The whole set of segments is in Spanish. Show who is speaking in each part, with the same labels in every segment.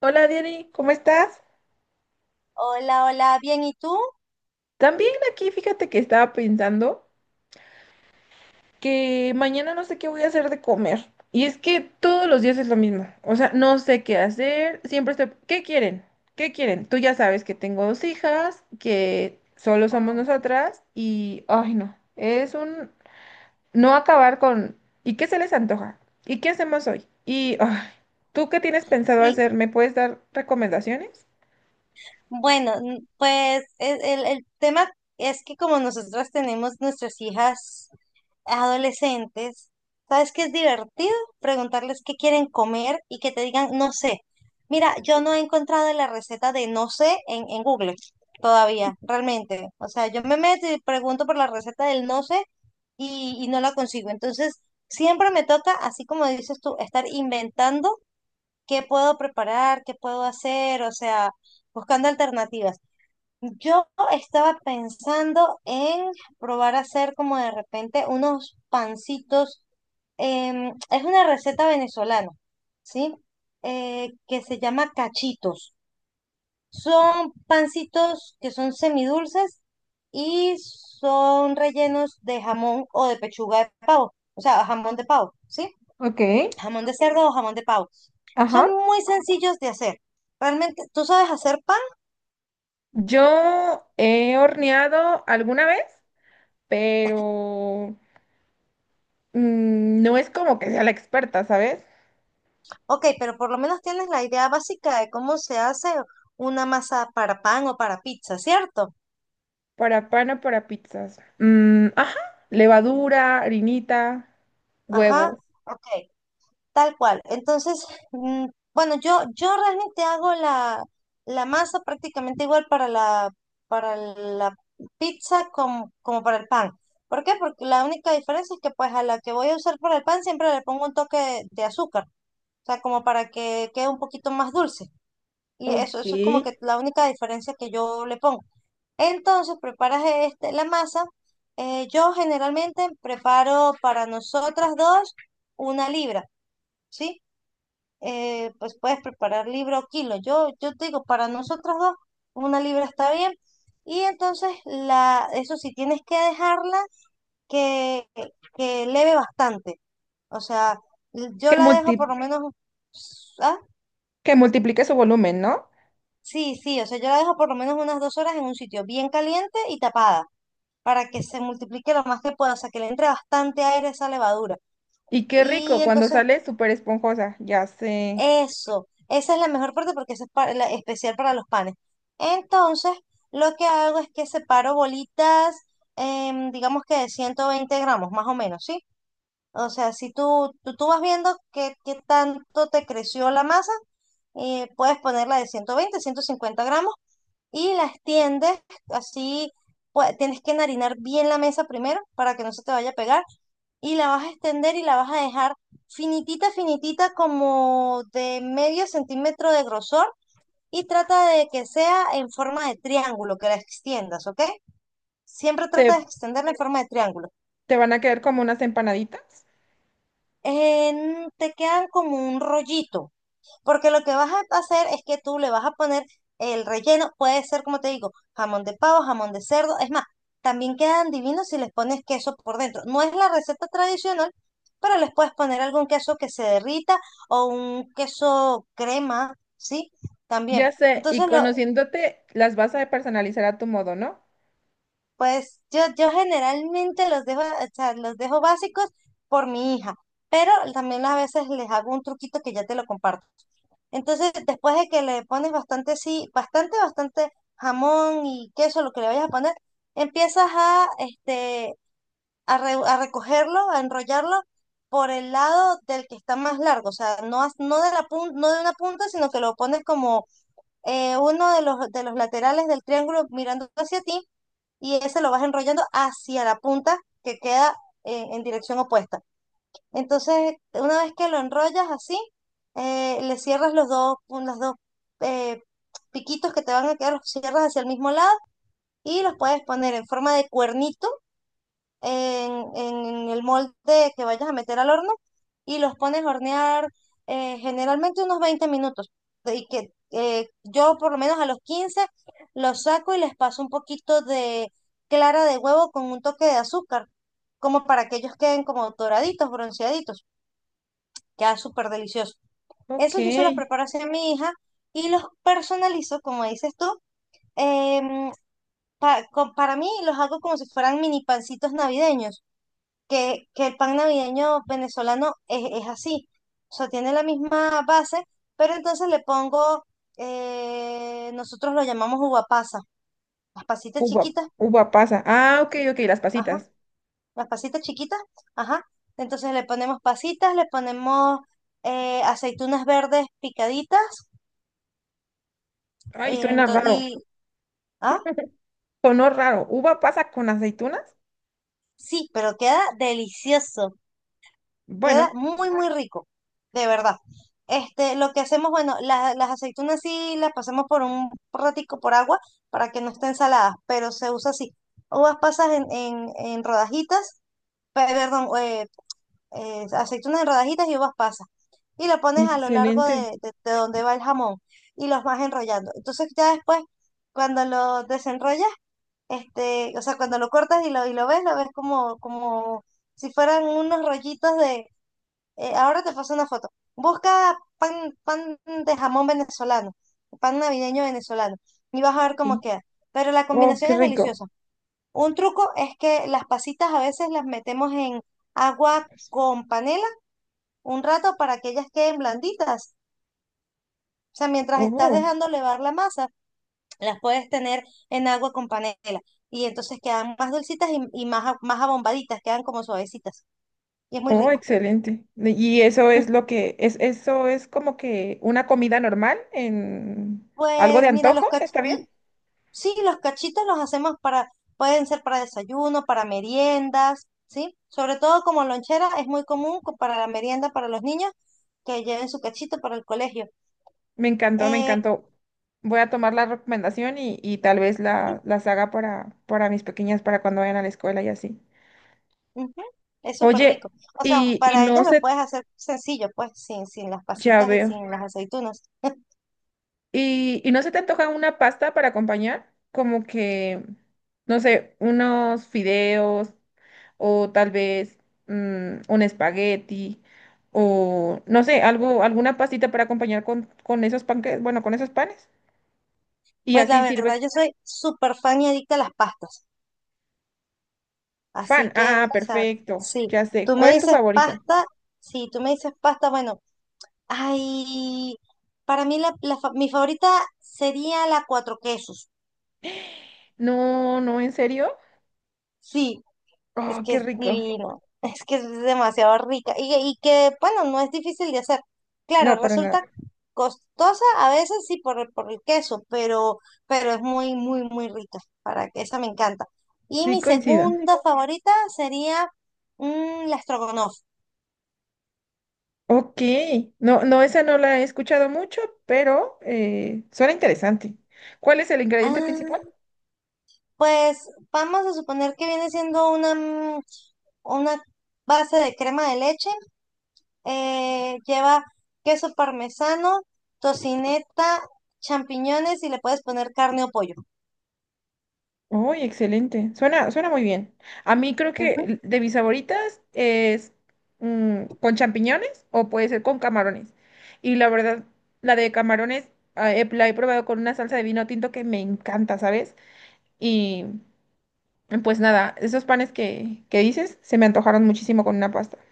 Speaker 1: Hola Diary, ¿cómo estás?
Speaker 2: Hola, hola, bien, ¿y tú?
Speaker 1: También aquí fíjate que estaba pensando que mañana no sé qué voy a hacer de comer. Y es que todos los días es lo mismo. O sea, no sé qué hacer. Siempre estoy... ¿Qué quieren? ¿Qué quieren? Tú ya sabes que tengo dos hijas, que solo somos
Speaker 2: Ah,
Speaker 1: nosotras y... Ay, no. Es un... No acabar con... ¿Y qué se les antoja? ¿Y qué hacemos hoy? Y... ay, ¿tú qué tienes pensado
Speaker 2: y
Speaker 1: hacer? ¿Me puedes dar recomendaciones?
Speaker 2: bueno, pues es el tema es que como nosotras tenemos nuestras hijas adolescentes, ¿sabes qué es divertido? Preguntarles qué quieren comer y que te digan, no sé. Mira, yo no he encontrado la receta de no sé en Google todavía, realmente. O sea, yo me meto y pregunto por la receta del no sé y no la consigo. Entonces, siempre me toca, así como dices tú, estar inventando qué puedo preparar, qué puedo hacer, o sea, buscando alternativas. Yo estaba pensando en probar a hacer como de repente unos pancitos. Es una receta venezolana, ¿sí? Que se llama cachitos. Son pancitos que son semidulces y son rellenos de jamón o de pechuga de pavo, o sea, jamón de pavo, ¿sí?
Speaker 1: Ok.
Speaker 2: Jamón de cerdo o jamón de pavo. Son
Speaker 1: Ajá.
Speaker 2: muy sencillos de hacer. Realmente, tú sabes hacer pan,
Speaker 1: Yo he horneado alguna vez, pero no es como que sea la experta, ¿sabes?
Speaker 2: ok, pero por lo menos tienes la idea básica de cómo se hace una masa para pan o para pizza, ¿cierto?
Speaker 1: Para pan o para pizzas. Mm, ajá, levadura, harinita, huevo.
Speaker 2: Ajá, ok, tal cual. Entonces, mm, bueno, yo realmente hago la masa prácticamente igual para la pizza como para el pan. ¿Por qué? Porque la única diferencia es que pues a la que voy a usar para el pan siempre le pongo un toque de azúcar. O sea, como para que quede un poquito más dulce. Y
Speaker 1: Ok.
Speaker 2: eso es como que la única diferencia que yo le pongo. Entonces, preparas este, la masa. Yo generalmente preparo para nosotras dos una libra, ¿sí? Pues puedes preparar libra o kilo. Yo te digo, para nosotras dos, una libra está bien. Y entonces, la, eso sí, tienes que dejarla que, que leve bastante. O sea, yo la dejo
Speaker 1: Multi-
Speaker 2: por lo menos. Ah,
Speaker 1: ¿Que multiplique su volumen, no?
Speaker 2: sí, sí, o sea, yo la dejo por lo menos unas 2 horas en un sitio bien caliente y tapada para que se multiplique lo más que pueda, o sea, que le entre bastante aire a esa levadura.
Speaker 1: Y qué
Speaker 2: Y
Speaker 1: rico, cuando
Speaker 2: entonces,
Speaker 1: sale súper esponjosa, ya sé.
Speaker 2: eso, esa es la mejor parte porque esa es la especial para los panes. Entonces, lo que hago es que separo bolitas, digamos que de 120 gramos, más o menos, ¿sí? O sea, si tú vas viendo qué tanto te creció la masa, puedes ponerla de 120, 150 gramos y las tiendes así, pues, tienes que enharinar bien la mesa primero para que no se te vaya a pegar y la vas a extender y la vas a dejar finitita, finitita como de medio centímetro de grosor y trata de que sea en forma de triángulo, que la extiendas, ¿ok? Siempre trata
Speaker 1: ¿Te,
Speaker 2: de extenderla en forma de triángulo.
Speaker 1: te van a quedar como unas empanaditas?
Speaker 2: Te quedan como un rollito. Porque lo que vas a hacer es que tú le vas a poner el relleno, puede ser, como te digo, jamón de pavo, jamón de cerdo. Es más, también quedan divinos si les pones queso por dentro. No es la receta tradicional, pero les puedes poner algún queso que se derrita o un queso crema, ¿sí? También.
Speaker 1: Ya sé, y
Speaker 2: Entonces, lo,
Speaker 1: conociéndote, las vas a personalizar a tu modo, ¿no?
Speaker 2: pues yo generalmente los dejo, o sea, los dejo básicos por mi hija, pero también a veces les hago un truquito que ya te lo comparto. Entonces, después de que le pones bastante, sí, bastante, bastante jamón y queso, lo que le vayas a poner, empiezas a, este, a recogerlo, a enrollarlo por el lado del que está más largo, o sea, no, no de una punta, sino que lo pones como uno de los laterales del triángulo mirando hacia ti y ese lo vas enrollando hacia la punta que queda en dirección opuesta. Entonces, una vez que lo enrollas así, le cierras los dos eh, piquitos que te van a quedar, los cierras hacia el mismo lado y los puedes poner en forma de cuernito en el molde que vayas a meter al horno y los pones a hornear, generalmente unos 20 minutos. Y que yo por lo menos a los 15 los saco y les paso un poquito de clara de huevo con un toque de azúcar, como para que ellos queden como doraditos, bronceaditos. Queda súper delicioso.
Speaker 1: Ok.
Speaker 2: Eso yo se los preparo así a mi hija y los personalizo, como dices tú. em, para mí los hago como si fueran mini pancitos navideños, que el pan navideño venezolano es así. O sea, tiene la misma base, pero entonces le pongo, nosotros lo llamamos uva pasa, las pasitas
Speaker 1: Uva,
Speaker 2: chiquitas,
Speaker 1: uva pasa. Ah, ok, ok, las
Speaker 2: ajá,
Speaker 1: pasitas.
Speaker 2: las pasitas chiquitas, ajá. Entonces le ponemos pasitas, le ponemos aceitunas verdes picaditas.
Speaker 1: Ay,
Speaker 2: eh,
Speaker 1: suena
Speaker 2: ento-
Speaker 1: raro.
Speaker 2: Ah,
Speaker 1: Sonó raro. ¿Uva pasa con aceitunas?
Speaker 2: sí, pero queda delicioso, queda
Speaker 1: Bueno,
Speaker 2: muy, muy rico, de verdad. Este, lo que hacemos, bueno, las aceitunas sí las pasamos por un ratico por agua para que no estén saladas, pero se usa así. Uvas pasas en rodajitas, perdón. Aceitunas en rodajitas y uvas pasas. Y lo pones a lo largo
Speaker 1: excelente.
Speaker 2: de donde va el jamón y los vas enrollando. Entonces ya después, cuando lo desenrollas, este, o sea, cuando lo cortas y lo ves, lo ves, como si fueran unos rollitos de... Ahora te paso una foto. Busca pan de jamón venezolano, pan navideño venezolano, y vas a ver cómo
Speaker 1: Y...
Speaker 2: queda. Pero la
Speaker 1: Oh,
Speaker 2: combinación
Speaker 1: qué
Speaker 2: es
Speaker 1: rico.
Speaker 2: deliciosa. Un truco es que las pasitas a veces las metemos en
Speaker 1: Sí,
Speaker 2: agua
Speaker 1: pues.
Speaker 2: con panela un rato para que ellas queden blanditas. O sea, mientras estás
Speaker 1: Oh.
Speaker 2: dejando levar la masa, las puedes tener en agua con panela y entonces quedan más dulcitas y más, más abombaditas, quedan como suavecitas y es muy
Speaker 1: Oh,
Speaker 2: rico.
Speaker 1: excelente. Y eso es lo que es, eso es como que una comida normal en algo de
Speaker 2: Pues mira,
Speaker 1: antojo, ¿está bien?
Speaker 2: sí, los cachitos los hacemos para, pueden ser para desayuno, para meriendas, ¿sí? Sobre todo como lonchera, es muy común para la merienda para los niños que lleven su cachito para el colegio.
Speaker 1: Me encantó, me
Speaker 2: Eh,
Speaker 1: encantó. Voy a tomar la recomendación y tal vez la, las haga para mis pequeñas, para cuando vayan a la escuela y así.
Speaker 2: Ujú, es súper
Speaker 1: Oye,
Speaker 2: rico. O sea,
Speaker 1: y
Speaker 2: para
Speaker 1: no
Speaker 2: ellas lo
Speaker 1: se,
Speaker 2: puedes hacer sencillo, pues, sin las
Speaker 1: ya
Speaker 2: pasitas y
Speaker 1: veo.
Speaker 2: sin las aceitunas.
Speaker 1: Y no se te antoja una pasta para acompañar, como que, no sé, unos fideos, o tal vez un espagueti, o no sé, algo, alguna pastita para acompañar con esos panques, bueno, con esos panes. Y
Speaker 2: Pues la
Speaker 1: así sirve
Speaker 2: verdad, yo soy súper fan y adicta a las pastas. Así
Speaker 1: fan.
Speaker 2: que,
Speaker 1: Ah,
Speaker 2: o sea,
Speaker 1: perfecto,
Speaker 2: sí,
Speaker 1: ya sé.
Speaker 2: tú
Speaker 1: ¿Cuál
Speaker 2: me
Speaker 1: es tu
Speaker 2: dices
Speaker 1: favorita?
Speaker 2: pasta, sí, tú me dices pasta, bueno, ay, para mí la mi favorita sería la cuatro quesos.
Speaker 1: No, no, ¿en serio?
Speaker 2: Sí, es
Speaker 1: Oh,
Speaker 2: que
Speaker 1: qué
Speaker 2: es
Speaker 1: rico.
Speaker 2: divino. Es que es demasiado rica y, que, bueno, no es difícil de hacer. Claro,
Speaker 1: No, para nada.
Speaker 2: resulta costosa a veces sí por, por el queso, pero es muy, muy, muy rica. Para que esa me encanta. Y
Speaker 1: Sí,
Speaker 2: mi
Speaker 1: coincido.
Speaker 2: segunda favorita sería la estrogonoff.
Speaker 1: Ok, no, no, esa no la he escuchado mucho, pero suena interesante. ¿Cuál es el ingrediente principal?
Speaker 2: Ah, pues vamos a suponer que viene siendo una base de crema de leche. Lleva queso parmesano, tocineta, champiñones y le puedes poner carne o pollo.
Speaker 1: Uy, excelente. Suena, suena muy bien. A mí creo
Speaker 2: Ujú.
Speaker 1: que de mis favoritas es con champiñones o puede ser con camarones. Y la verdad, la de camarones ah, la he probado con una salsa de vino tinto que me encanta, ¿sabes? Y pues nada, esos panes que dices se me antojaron muchísimo con una pasta.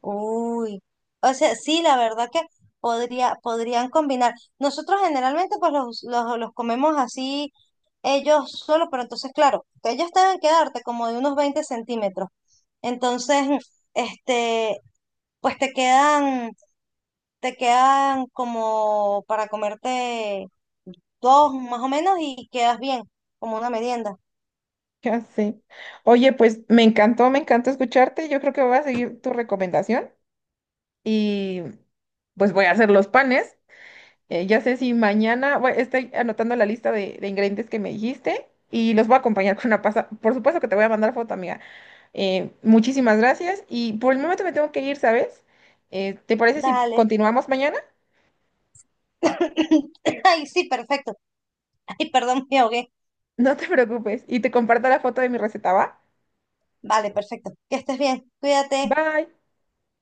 Speaker 2: Uy, o sea, sí, la verdad que podría, podrían combinar. Nosotros generalmente pues los comemos así ellos solos pero entonces claro, ellos deben quedarte como de unos 20 centímetros. Entonces, este, pues te quedan como para comerte dos más o menos y quedas bien, como una merienda.
Speaker 1: Ya sé. Oye, pues me encantó escucharte. Yo creo que voy a seguir tu recomendación y pues voy a hacer los panes. Ya sé si mañana, bueno, estoy anotando la lista de ingredientes que me dijiste y los voy a acompañar con una pasta. Por supuesto que te voy a mandar foto, amiga. Muchísimas gracias y por el momento me tengo que ir, ¿sabes? ¿Te parece si
Speaker 2: Dale.
Speaker 1: continuamos mañana?
Speaker 2: Ay, sí, perfecto. Ay, perdón, me ahogué.
Speaker 1: No te preocupes y te comparto la foto de mi receta, ¿va?
Speaker 2: Vale, perfecto. Que estés bien. Cuídate.
Speaker 1: Bye.